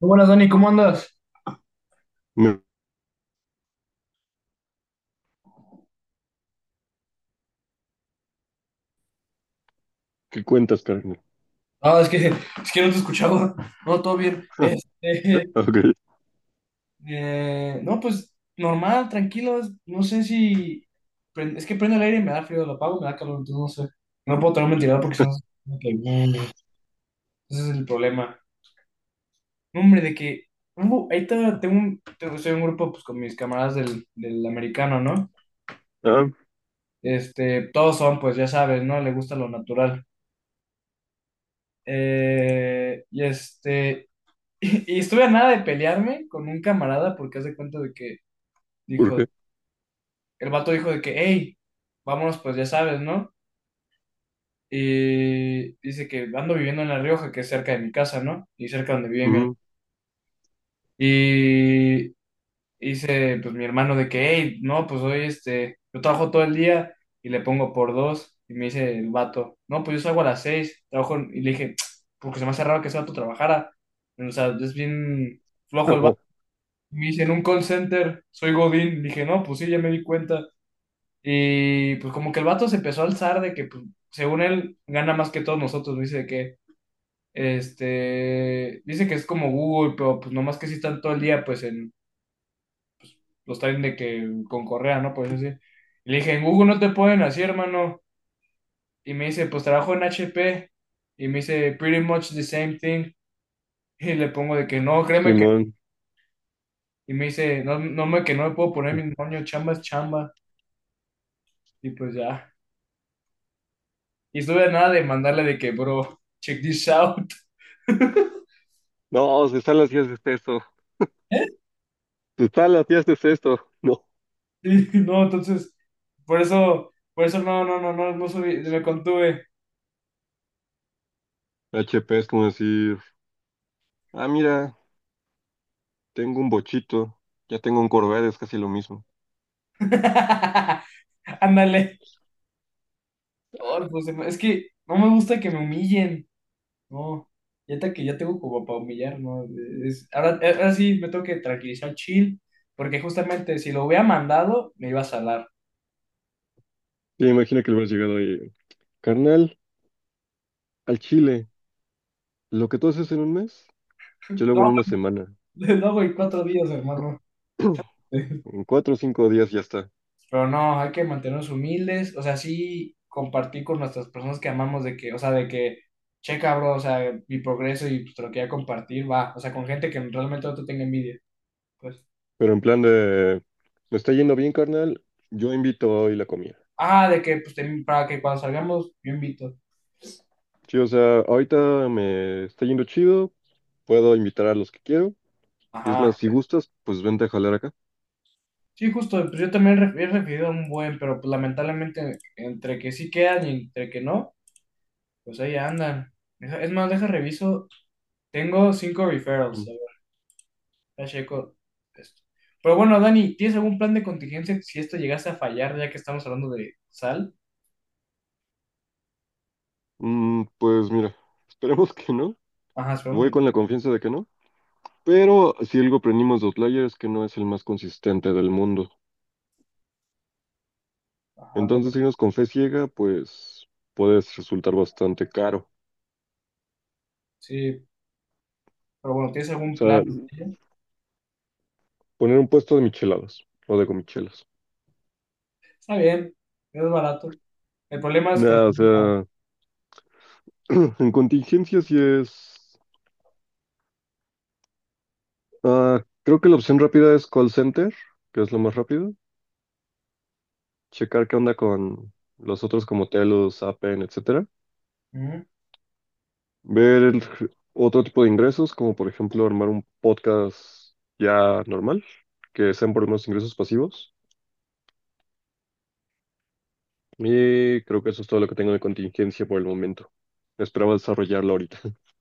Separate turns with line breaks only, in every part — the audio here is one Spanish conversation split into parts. Muy buenas, Dani, ¿cómo andas?
No, ¿qué cuentas, carnal?
Ah, es que no te escuchaba. No, todo bien.
Ok.
No, pues normal, tranquilo. No sé si. Es que prendo el aire y me da frío, lo apago, me da calor, entonces no sé. No puedo tener un ventilador porque si no. Ese es el problema. No, hombre, de que. Tengo, ahí está, estoy en un grupo pues, con mis camaradas del americano, ¿no?
Ah,
Este, todos son, pues ya sabes, ¿no? Le gusta lo natural. Y este. Y estuve a nada de pelearme con un camarada porque hace cuenta de que
¿por
dijo,
qué?
el vato dijo de que, hey, vámonos, pues ya sabes, ¿no? Y dice que ando viviendo en La Rioja, que es cerca de mi casa, ¿no? Y cerca donde vive mi hermano.
Ujú.
Y dice pues mi hermano de que, hey, no, pues hoy yo trabajo todo el día y le pongo por dos. Y me dice el vato, no, pues yo salgo a las seis, trabajo, en-, y le dije, porque se me hace raro que ese vato trabajara. O sea, es bien flojo el
Ajá.
vato. Me dice, en un call center, soy Godín. Dije, no, pues sí, ya me di cuenta. Y pues como que el vato se empezó a alzar de que, pues, según él, gana más que todos nosotros. Me dice de que, dice que es como Google, pero pues nomás que sí están todo el día, pues, en los traen de que con correa, ¿no? Por eso sí. Y le dije, en Google no te pueden así, hermano. Y me dice, pues trabajo en HP. Y me dice, pretty much the same thing. Y le pongo de que no, créeme que.
Simón.
Y me dice, no, que no me puedo poner mi moño, chamba es chamba. Y pues ya. Y estuve a nada de mandarle de que, bro, check this out.
No, se está hacías de esto.
¿Eh?
Se está hacías de esto. No.
Y no, entonces, por eso no subí, me contuve.
HP es como decir, ah, mira, tengo un bochito, ya tengo un Corvette, es casi lo mismo.
Ándale. Oh, pues, es que no me gusta que me humillen. No, que ya tengo como para humillar, ¿no? Ahora sí me tengo que tranquilizar, chill, porque justamente si lo hubiera mandado, me iba a salar.
Ya imagina que le hubieras llegado ahí, carnal, al Chile, lo que tú haces en un mes, yo lo hago en una semana.
Lo hago en cuatro días, hermano.
En 4 o 5 días ya está.
Pero no, hay que mantenernos humildes, o sea, sí compartir con nuestras personas que amamos de que, checa, bro, o sea, mi progreso y pues, te lo quería compartir, va, o sea, con gente que realmente no te tenga envidia, pues,
Pero en plan de, me está yendo bien, carnal, yo invito hoy la comida.
ah, de que, pues, para que cuando salgamos, yo invito,
Sí, o sea, ahorita me está yendo chido, puedo invitar a los que quiero. Y es más,
ajá,
si gustas, pues vente a jalar acá.
sí, justo, pues yo también he recibido un buen, pero pues lamentablemente, entre que sí quedan y entre que no, pues ahí andan. Es más, deja reviso, tengo cinco referrals.
Mm.
Ya checo esto. Pero bueno, Dani, ¿tienes algún plan de contingencia si esto llegase a fallar, ya que estamos hablando de sal?
Mm, pues mira, esperemos que no.
Ajá, esperamos.
Voy con la confianza de que no. Pero si algo aprendimos de Outlier es que no es el más consistente del mundo.
Ajá,
Entonces, irnos con fe ciega, pues puedes resultar bastante caro.
sí, pero bueno, ¿tienes
O
algún
sea,
plan?
poner un puesto de micheladas o de comichelas.
Está bien, es barato. El problema es
Nada, o
conseguir la-
sea, en contingencia sí es, ah, creo que la opción rápida es call center, que es lo más rápido. Checar qué onda con los otros como Telos, Appen, etcétera.
Ujú.
Ver el otro tipo de ingresos, como por ejemplo armar un podcast ya normal, que sean por lo menos ingresos pasivos. Y creo que eso es todo lo que tengo de contingencia por el momento. Esperaba desarrollarlo ahorita.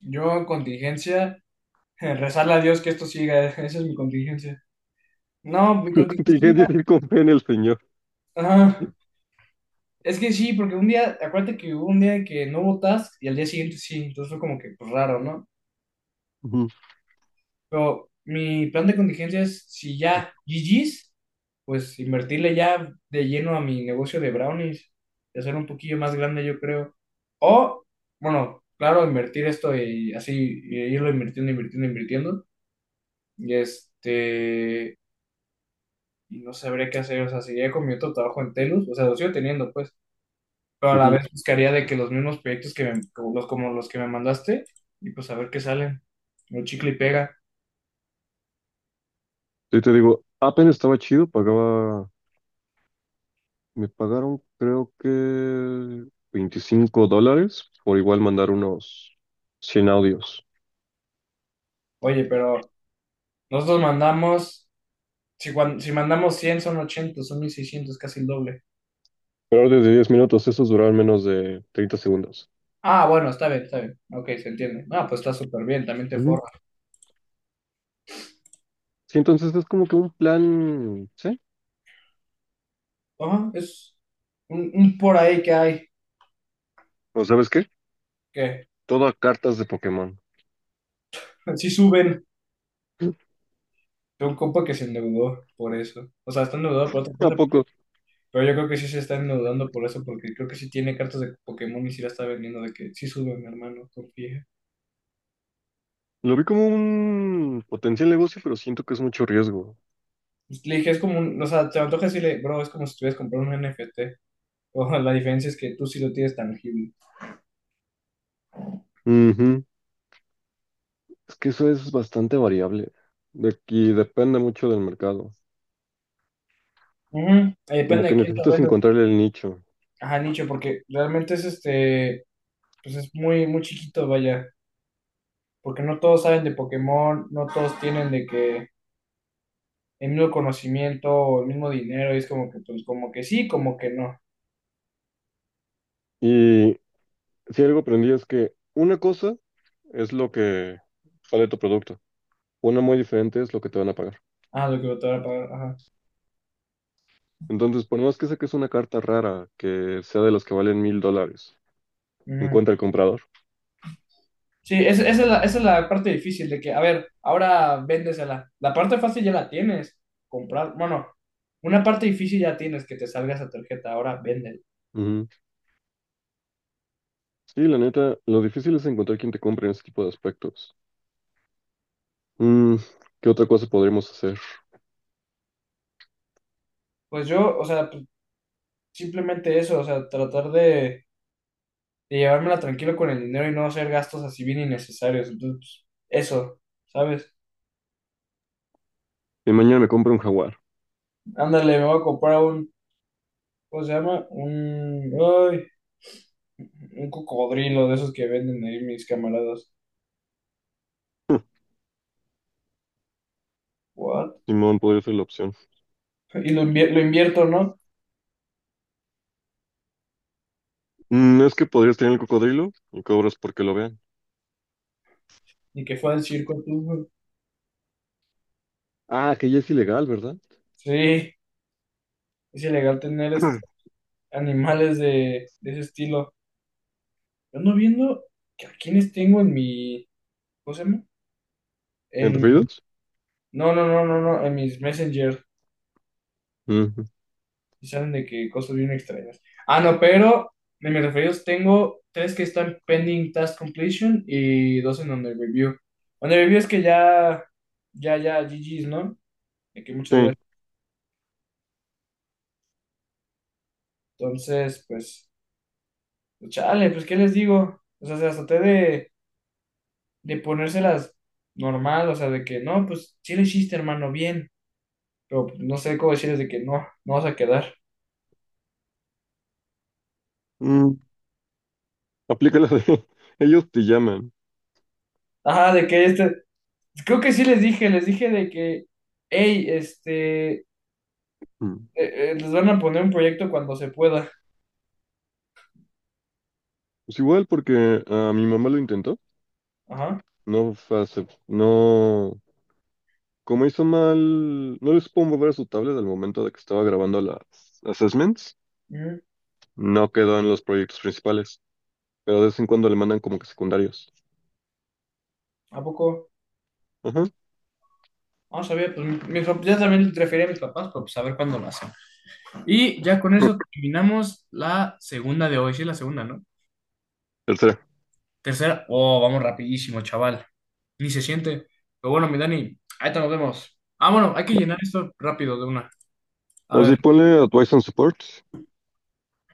Yo en contingencia, rezarle a Dios que esto siga, esa es mi contingencia. No, mi
Mi contingencia es
contingencia,
ir con fe en el señor.
ajá. Es que sí, porque un día, acuérdate que hubo un día que no hubo task y al día siguiente sí, entonces fue como que pues, raro, ¿no?
Ujú,
Pero mi plan de contingencia es, si ya GG's, pues invertirle ya de lleno a mi negocio de brownies y hacer un poquillo más grande, yo creo. O, bueno, claro, invertir esto y así e irlo invirtiendo. Y este, y no sabría qué hacer, o sea, seguiría con mi otro trabajo en Telus, o sea, lo sigo teniendo, pues, pero a la
ujú.
vez buscaría de que los mismos proyectos que como los que me mandaste, y pues a ver qué salen. Un chicle y pega.
Sí, te digo, Appen estaba chido, pagaba, me pagaron creo que $25 por igual mandar unos 100 audios.
Oye, pero nosotros mandamos. Si, si mandamos 100 son 80 son 1600 casi el doble.
Peor de 10 minutos, esos duraron menos de 30 segundos.
Ah, bueno, está bien. Ok, se entiende. Ah, pues está súper bien, también te
Ujú.
forra.
Sí, entonces es como que un plan, ¿sí?
Ajá, es un por ahí que hay.
¿O sabes qué?
Que
Todo a cartas de Pokémon.
sí suben. Tengo un compa que se endeudó por eso. O sea, está endeudado por otra
¿A
cosa,
poco?
pero yo creo que sí se está endeudando por eso, porque creo que sí tiene cartas de Pokémon y sí la está vendiendo, de que sí sube, mi hermano, confía.
Lo vi como un potencial negocio, pero siento que es mucho riesgo.
Pues, le dije, es como un, o sea, te antoja decirle, bro, es como si estuvieras comprando un NFT. O la diferencia es que tú sí lo tienes tangible.
Ujú. Es que eso es bastante variable. De aquí depende mucho del mercado.
Ujú,
Como
depende
que
de quién lo
necesitas
venda.
encontrarle el nicho.
Ajá, nicho, porque realmente es este, pues es muy, muy chiquito, vaya, porque no todos saben de Pokémon, no todos tienen de que el mismo conocimiento o el mismo dinero, y es como que, pues, como que sí, como que no.
Y si algo aprendí es que una cosa es lo que vale tu producto. Una muy diferente es lo que te van a pagar.
Ah, lo que te van a pagar, ajá.
Entonces, por más que saques una carta rara que sea de las que valen $1,000,
Ujú.
encuentra el comprador.
Sí, esa es la parte difícil de que, a ver, ahora véndesela. La parte fácil ya la tienes, comprar, bueno, una parte difícil ya tienes que te salga esa tarjeta, ahora véndela.
Ujú. Sí, la neta, lo difícil es encontrar quien te compre en ese tipo de aspectos. Mm, ¿qué otra cosa podríamos hacer?
Pues yo, o sea, pues, simplemente eso, o sea, tratar de llevármela tranquilo con el dinero y no hacer gastos así bien innecesarios. Entonces, pues, eso, ¿sabes?
Y mañana me compro un jaguar.
Ándale, me voy a comprar un, ¿cómo se llama? Un, ay, un cocodrilo de esos que venden ahí mis camaradas. ¿What?
Simón podría ser la opción.
Y lo, lo invierto, ¿no?
Mm, es que podrías tener el cocodrilo y cobras porque lo vean.
Y que fue al circo tú.
Ah, que ya es ilegal, ¿verdad?
Sí, es ilegal tener este, animales de ese estilo. Yo ando viendo que a quienes tengo en mi, ¿cómo se llama?
¿En
En,
referidos?
no, en mis messengers.
Ujú.
Y salen de que cosas bien extrañas. Ah, no, pero de mis referidos tengo tres que están pending task completion y dos en under review. Under review es que ya, GG's, ¿no? De que muchas
Sí.
gracias. Entonces, pues, pues, chale, pues, ¿qué les digo? O sea, hasta de ponérselas normal, o sea, de que no, pues, sí le hiciste, hermano, bien. Pero pues, no sé cómo decirles de que no, no vas a quedar.
Mm, aplica la de ellos te llaman.
Ajá, de que este, creo que sí les dije de que, hey,
Mm.
les van a poner un proyecto cuando se pueda.
Pues igual porque a mi mamá lo intentó.
Ajá.
No como hizo mal, no les pudo mover a su tablet al momento de que estaba grabando las assessments,
Mm,
no quedó en los proyectos principales, pero de vez en cuando le mandan como que secundarios.
¿a poco?
Ajá.
No sabía, pues ya también le referí a mis papás, pero pues a ver cuándo lo hacen. Y ya con eso terminamos la segunda de hoy. Sí, la segunda, ¿no?
Tercera.
Tercera. Oh, vamos rapidísimo, chaval. Ni se siente. Pero bueno, mi Dani, ahí te nos vemos. Ah, bueno, hay que llenar esto rápido de una. A
Así
ver,
ponle Advice and Support,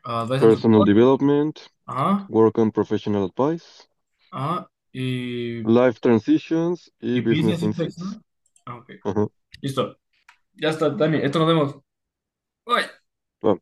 ah, Advice and
Personal
Support.
Development,
Ajá,
Work and Professional Advice,
ajá.
Life Transitions y
Y
Business
Business Insights,
Insights.
¿no? Ah, ok.
Ajá.
Listo. Ya está, Dani. Esto nos vemos. Bye.
Va.